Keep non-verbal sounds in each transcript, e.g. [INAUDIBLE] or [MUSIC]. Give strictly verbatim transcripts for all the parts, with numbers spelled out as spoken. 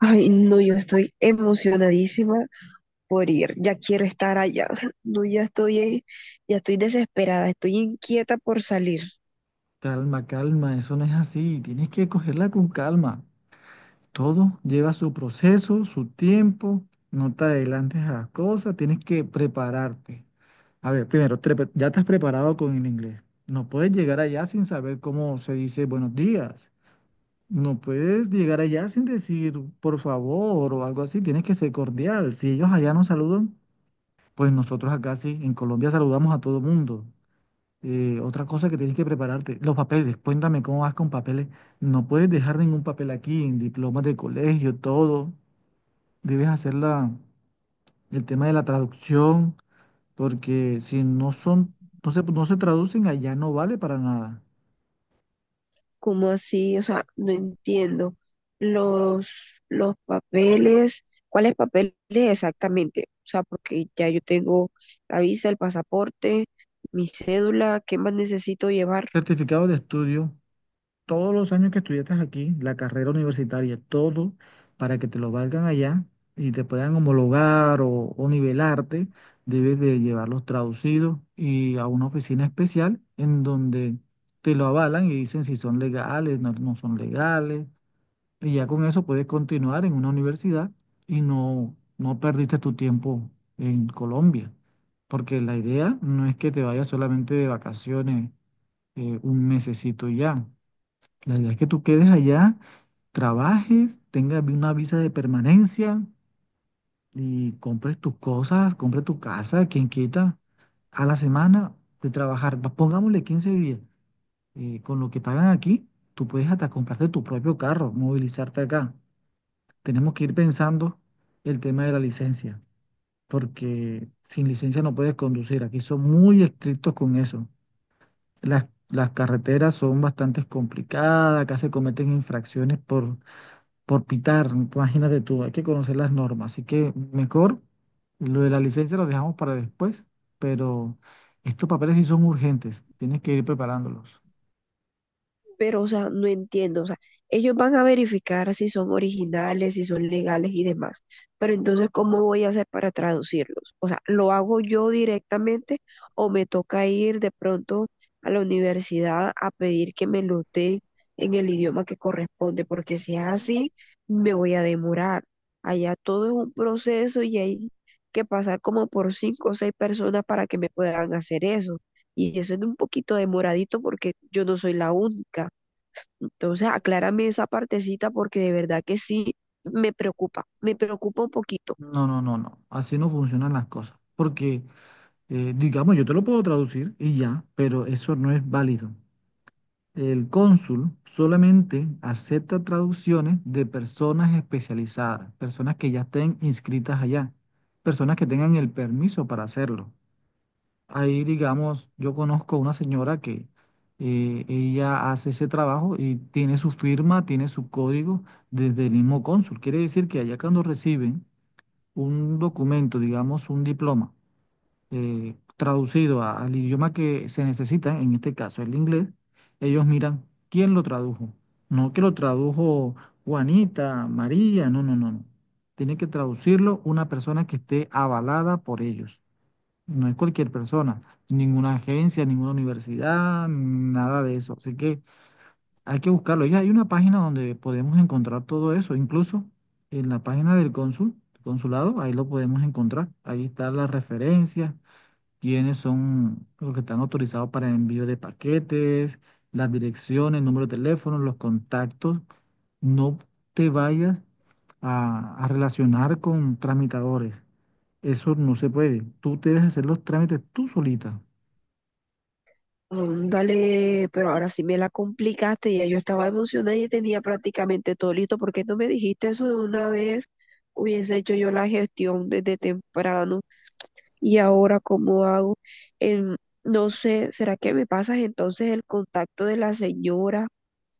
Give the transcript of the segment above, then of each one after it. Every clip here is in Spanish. Ay, no, yo estoy emocionadísima por ir. Ya quiero estar allá. [LAUGHS] No, ya estoy, eh, ya estoy desesperada, estoy inquieta por salir. Calma, calma, eso no es así. Tienes que cogerla con calma. Todo lleva su proceso, su tiempo. No te adelantes a las cosas. Tienes que prepararte. A ver, primero, te pre- ya te has preparado con el inglés. No puedes llegar allá sin saber cómo se dice buenos días. No puedes llegar allá sin decir por favor o algo así. Tienes que ser cordial. Si ellos allá no saludan, pues nosotros acá sí, en Colombia saludamos a todo mundo. Eh, otra cosa que tienes que prepararte, los papeles, cuéntame cómo vas con papeles. No puedes dejar ningún papel aquí, en diplomas de colegio, todo. Debes hacer la, el tema de la traducción, porque si no son, no se, no se traducen allá, no vale para nada. ¿Cómo así? O sea, no entiendo. Los, los papeles, ¿cuáles papeles exactamente? O sea, porque ya yo tengo la visa, el pasaporte, mi cédula, ¿qué más necesito llevar? Certificado de estudio, todos los años que estudiaste aquí, la carrera universitaria, todo para que te lo valgan allá y te puedan homologar o, o nivelarte, debes de llevarlos traducidos y a una oficina especial en donde te lo avalan y dicen si son legales, no, no son legales, y ya con eso puedes continuar en una universidad y no, no perdiste tu tiempo en Colombia, porque la idea no es que te vayas solamente de vacaciones eh, un mesecito y ya. La idea es que tú quedes allá, trabajes, tengas vi- una visa de permanencia y compres tus cosas, compres tu casa, quien quita, a la semana de trabajar, va- pongámosle quince días, eh, con lo que pagan aquí, tú puedes hasta comprarte tu propio carro, movilizarte acá. Tenemos que ir pensando el tema de la licencia, porque sin licencia no puedes conducir. Aquí son muy estrictos con eso. Las, las carreteras son bastante complicadas, acá se cometen infracciones por por pitar, imagínate tú, hay que conocer las normas, así que mejor lo de la licencia lo dejamos para después, pero estos papeles sí son urgentes, tienes que ir preparándolos. Pero, o sea, no entiendo, o sea, ellos van a verificar si son originales, si son legales y demás, pero entonces, ¿cómo voy a hacer para traducirlos? O sea, ¿lo hago yo directamente o me toca ir de pronto a la universidad a pedir que me lo den en el idioma que corresponde? Porque si es así, me voy a demorar. Allá todo es un proceso y hay que pasar como por cinco o seis personas para que me puedan hacer eso. Y eso es un poquito demoradito porque yo no soy la única. Entonces, aclárame esa partecita porque de verdad que sí me preocupa, me preocupa un poquito. No, no, no, no, así no funcionan las cosas, porque eh, digamos, yo te lo puedo traducir y ya, pero eso no es válido. El cónsul solamente acepta traducciones de personas especializadas, personas que ya estén inscritas allá, personas que tengan el permiso para hacerlo. Ahí, digamos, yo conozco una señora que eh, ella hace ese trabajo y tiene su firma, tiene su código desde el mismo cónsul. Quiere decir que allá cuando reciben un documento, digamos, un diploma eh, traducido a- al idioma que se necesita, en este caso el inglés, ellos miran quién lo tradujo. No que lo tradujo Juanita, María, no, no, no, no. Tiene que traducirlo una persona que esté avalada por ellos. No es cualquier persona, ninguna agencia, ninguna universidad, nada de eso. Así que hay que buscarlo. Ya hay una página donde podemos encontrar todo eso, incluso en la página del cónsul, consulado, ahí lo podemos encontrar. Ahí están las referencias, quiénes son los que están autorizados para envío de paquetes, las direcciones, el número de teléfono, los contactos. No te vayas a, a relacionar con tramitadores. Eso no se puede. Tú debes hacer los trámites tú solita. Dale, pero ahora sí me la complicaste, ya yo estaba emocionada y tenía prácticamente todo listo. ¿Por qué no me dijiste eso de una vez? Hubiese hecho yo la gestión desde temprano y ahora cómo hago. En- no sé, ¿será que me pasas entonces el contacto de la señora?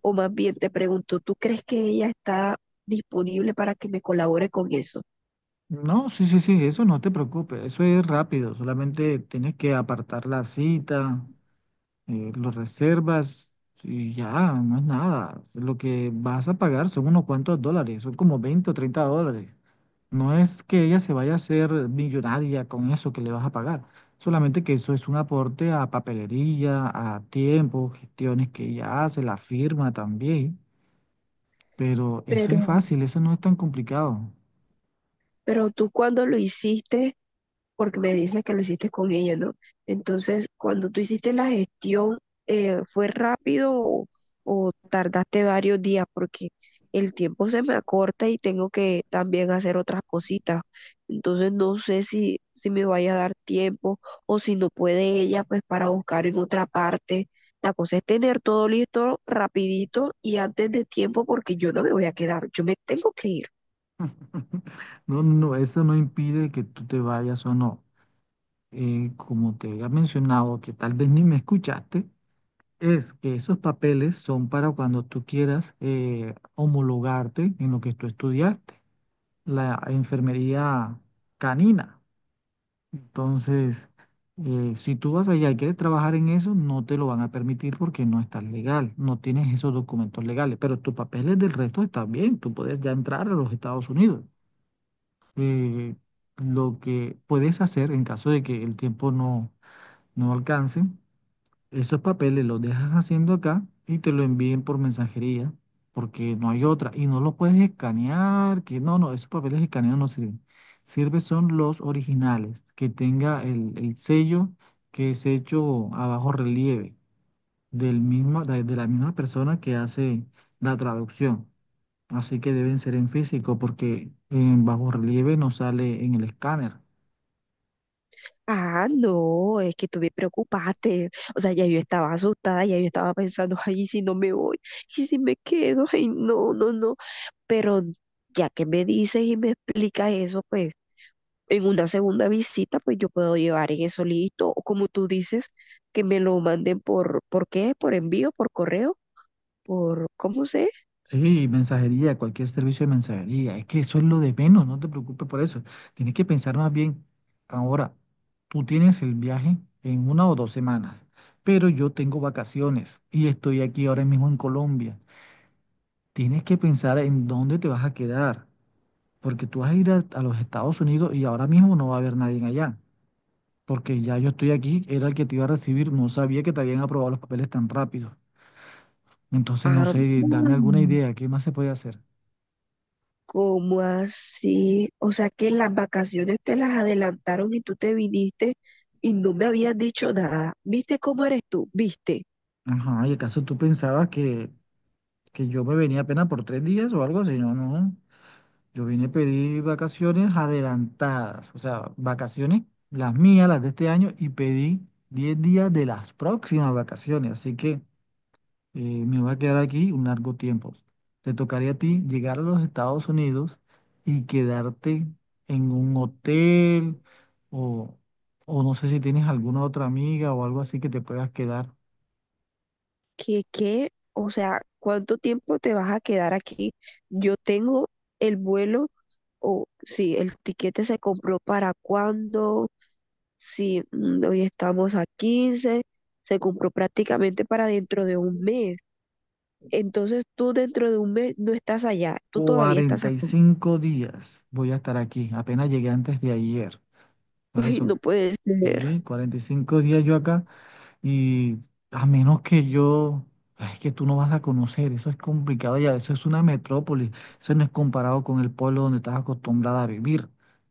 O más bien te pregunto, ¿tú crees que ella está disponible para que me colabore con eso? No, sí, sí, sí, eso no te preocupes. Eso es rápido. Solamente tienes que apartar la cita, eh, los reservas y ya, no es nada. Lo que vas a pagar son unos cuantos dólares, son como veinte o treinta dólares. No es que ella se vaya a hacer millonaria con eso que le vas a pagar, solamente que eso es un aporte a papelería, a tiempo, gestiones que ella hace, la firma también. Pero eso Pero es fácil, eso no es tan complicado. Pero tú cuando lo hiciste, porque me dices que lo hiciste con ella, ¿no? Entonces, cuando tú hiciste la gestión, eh, ¿fue rápido o, o tardaste varios días? Porque el tiempo se me acorta y tengo que también hacer otras cositas. Entonces, no sé si, si me vaya a dar tiempo o si no puede ella, pues para buscar en otra parte. La cosa es tener todo listo rapidito y antes de tiempo porque yo no me voy a quedar, yo me tengo que ir. [LAUGHS] No, no, eso no impide que tú te vayas o no. Eh, como te había mencionado, que tal vez ni me escuchaste, es que esos papeles son para cuando tú quieras eh, homologarte en lo que tú estudiaste, la enfermería canina. Entonces, eh, si tú vas allá y quieres trabajar en eso, no te lo van a permitir porque no estás legal, no tienes esos documentos legales, pero tus papeles del resto están bien, tú puedes ya entrar a los Estados Unidos. Eh, lo que puedes hacer en caso de que el tiempo no, no alcance, esos papeles los dejas haciendo acá y te lo envíen por mensajería, porque no hay otra. Y no los puedes escanear, que no, no, esos papeles escaneados no sirven. Sirve son los originales, que tenga el, el sello que es hecho a bajo relieve del mismo, de, de la misma persona que hace la traducción. Así que deben ser en físico, porque en bajo relieve no sale en el escáner. Ah, no, es que tú me preocupaste. O sea, ya yo estaba asustada, ya yo estaba pensando, ay, ¿y si no me voy, y si me quedo, ay, no, no, no? Pero ya que me dices y me explicas eso, pues en una segunda visita, pues yo puedo llevar en eso listo. O como tú dices, que me lo manden por, ¿por qué? ¿Por envío? ¿Por correo? ¿Por, cómo sé? Sí, mensajería, cualquier servicio de mensajería. Es que eso es lo de menos, no te preocupes por eso. Tienes que pensar más bien, ahora, tú tienes el viaje en una o dos semanas, pero yo tengo vacaciones y estoy aquí ahora mismo en Colombia. Tienes que pensar en dónde te vas a quedar, porque tú vas a ir a, a los Estados Unidos y ahora mismo no va a haber nadie allá, porque ya yo estoy aquí, era el que te iba a recibir, no sabía que te habían aprobado los papeles tan rápido. Entonces, no Ah, sé, dame alguna idea, ¿qué más se puede hacer? ¿cómo así? O sea que las vacaciones te las adelantaron y tú te viniste y no me habías dicho nada. ¿Viste cómo eres tú? ¿Viste? Ajá, ¿y acaso tú pensabas que, que yo me venía apenas por tres días o algo así? No, no. Yo vine a pedir vacaciones adelantadas, o sea, vacaciones, las mías, las de este año, y pedí diez días de las próximas vacaciones. Así que eh, me voy a quedar aquí un largo tiempo. Te tocaría a ti llegar a los Estados Unidos y quedarte en un hotel o, o no sé si tienes alguna otra amiga o algo así que te puedas quedar. ¿Qué, qué? O sea, ¿cuánto tiempo te vas a quedar aquí? Yo tengo el vuelo o sí, el tiquete se compró para cuándo. Si hoy estamos a quince se compró prácticamente para dentro de un mes. Entonces tú dentro de un mes no estás allá, tú todavía estás Cuarenta y aquí. cinco días voy a estar aquí. Apenas llegué antes de ayer. [LAUGHS] Entonces Ay, no son puede ser. sí, cuarenta y cinco días yo acá. Y a menos que yo, es que tú no vas a conocer, eso es complicado ya, eso es una metrópolis, eso no es comparado con el pueblo donde estás acostumbrada a vivir.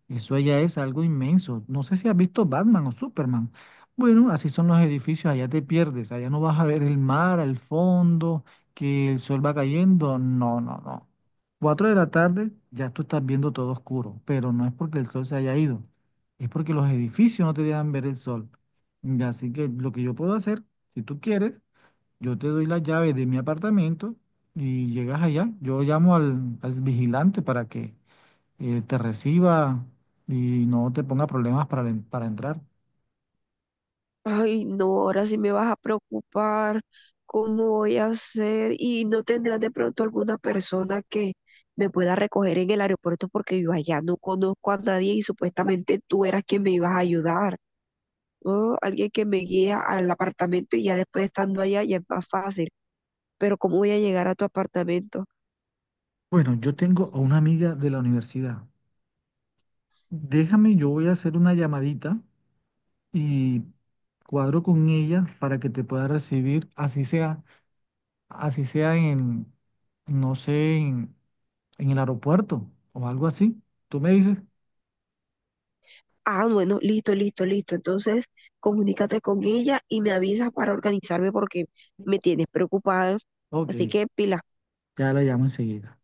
Eso ya es algo inmenso. No sé si has visto Batman o Superman. Bueno, así son los edificios, allá te pierdes, allá no vas a ver el mar al fondo, que el sol va cayendo. No, no, no. Cuatro de la tarde ya tú estás viendo todo oscuro, pero no es porque el sol se haya ido, es porque los edificios no te dejan ver el sol. Y así que lo que yo puedo hacer, si tú quieres, yo te doy la llave de mi apartamento y llegas allá. Yo llamo al, al vigilante para que eh, te reciba y no te ponga problemas para, en- para entrar. Ay, no, ahora sí me vas a preocupar, ¿cómo voy a hacer? Y no tendrás de pronto alguna persona que me pueda recoger en el aeropuerto porque yo allá no conozco a nadie y supuestamente tú eras quien me ibas a ayudar, ¿no? Alguien que me guía al apartamento y ya después estando allá ya es más fácil, pero ¿cómo voy a llegar a tu apartamento? Bueno, yo tengo a una amiga de la universidad. Déjame, yo voy a hacer una llamadita y cuadro con ella para que te pueda recibir, así sea, así sea en, no sé, en, en el aeropuerto o algo así. ¿Tú me dices? Ah, bueno, listo, listo, listo. Entonces, comunícate con ella y me avisas para organizarme porque me tienes preocupada. Ok. Así que pilas. Ya la llamo enseguida.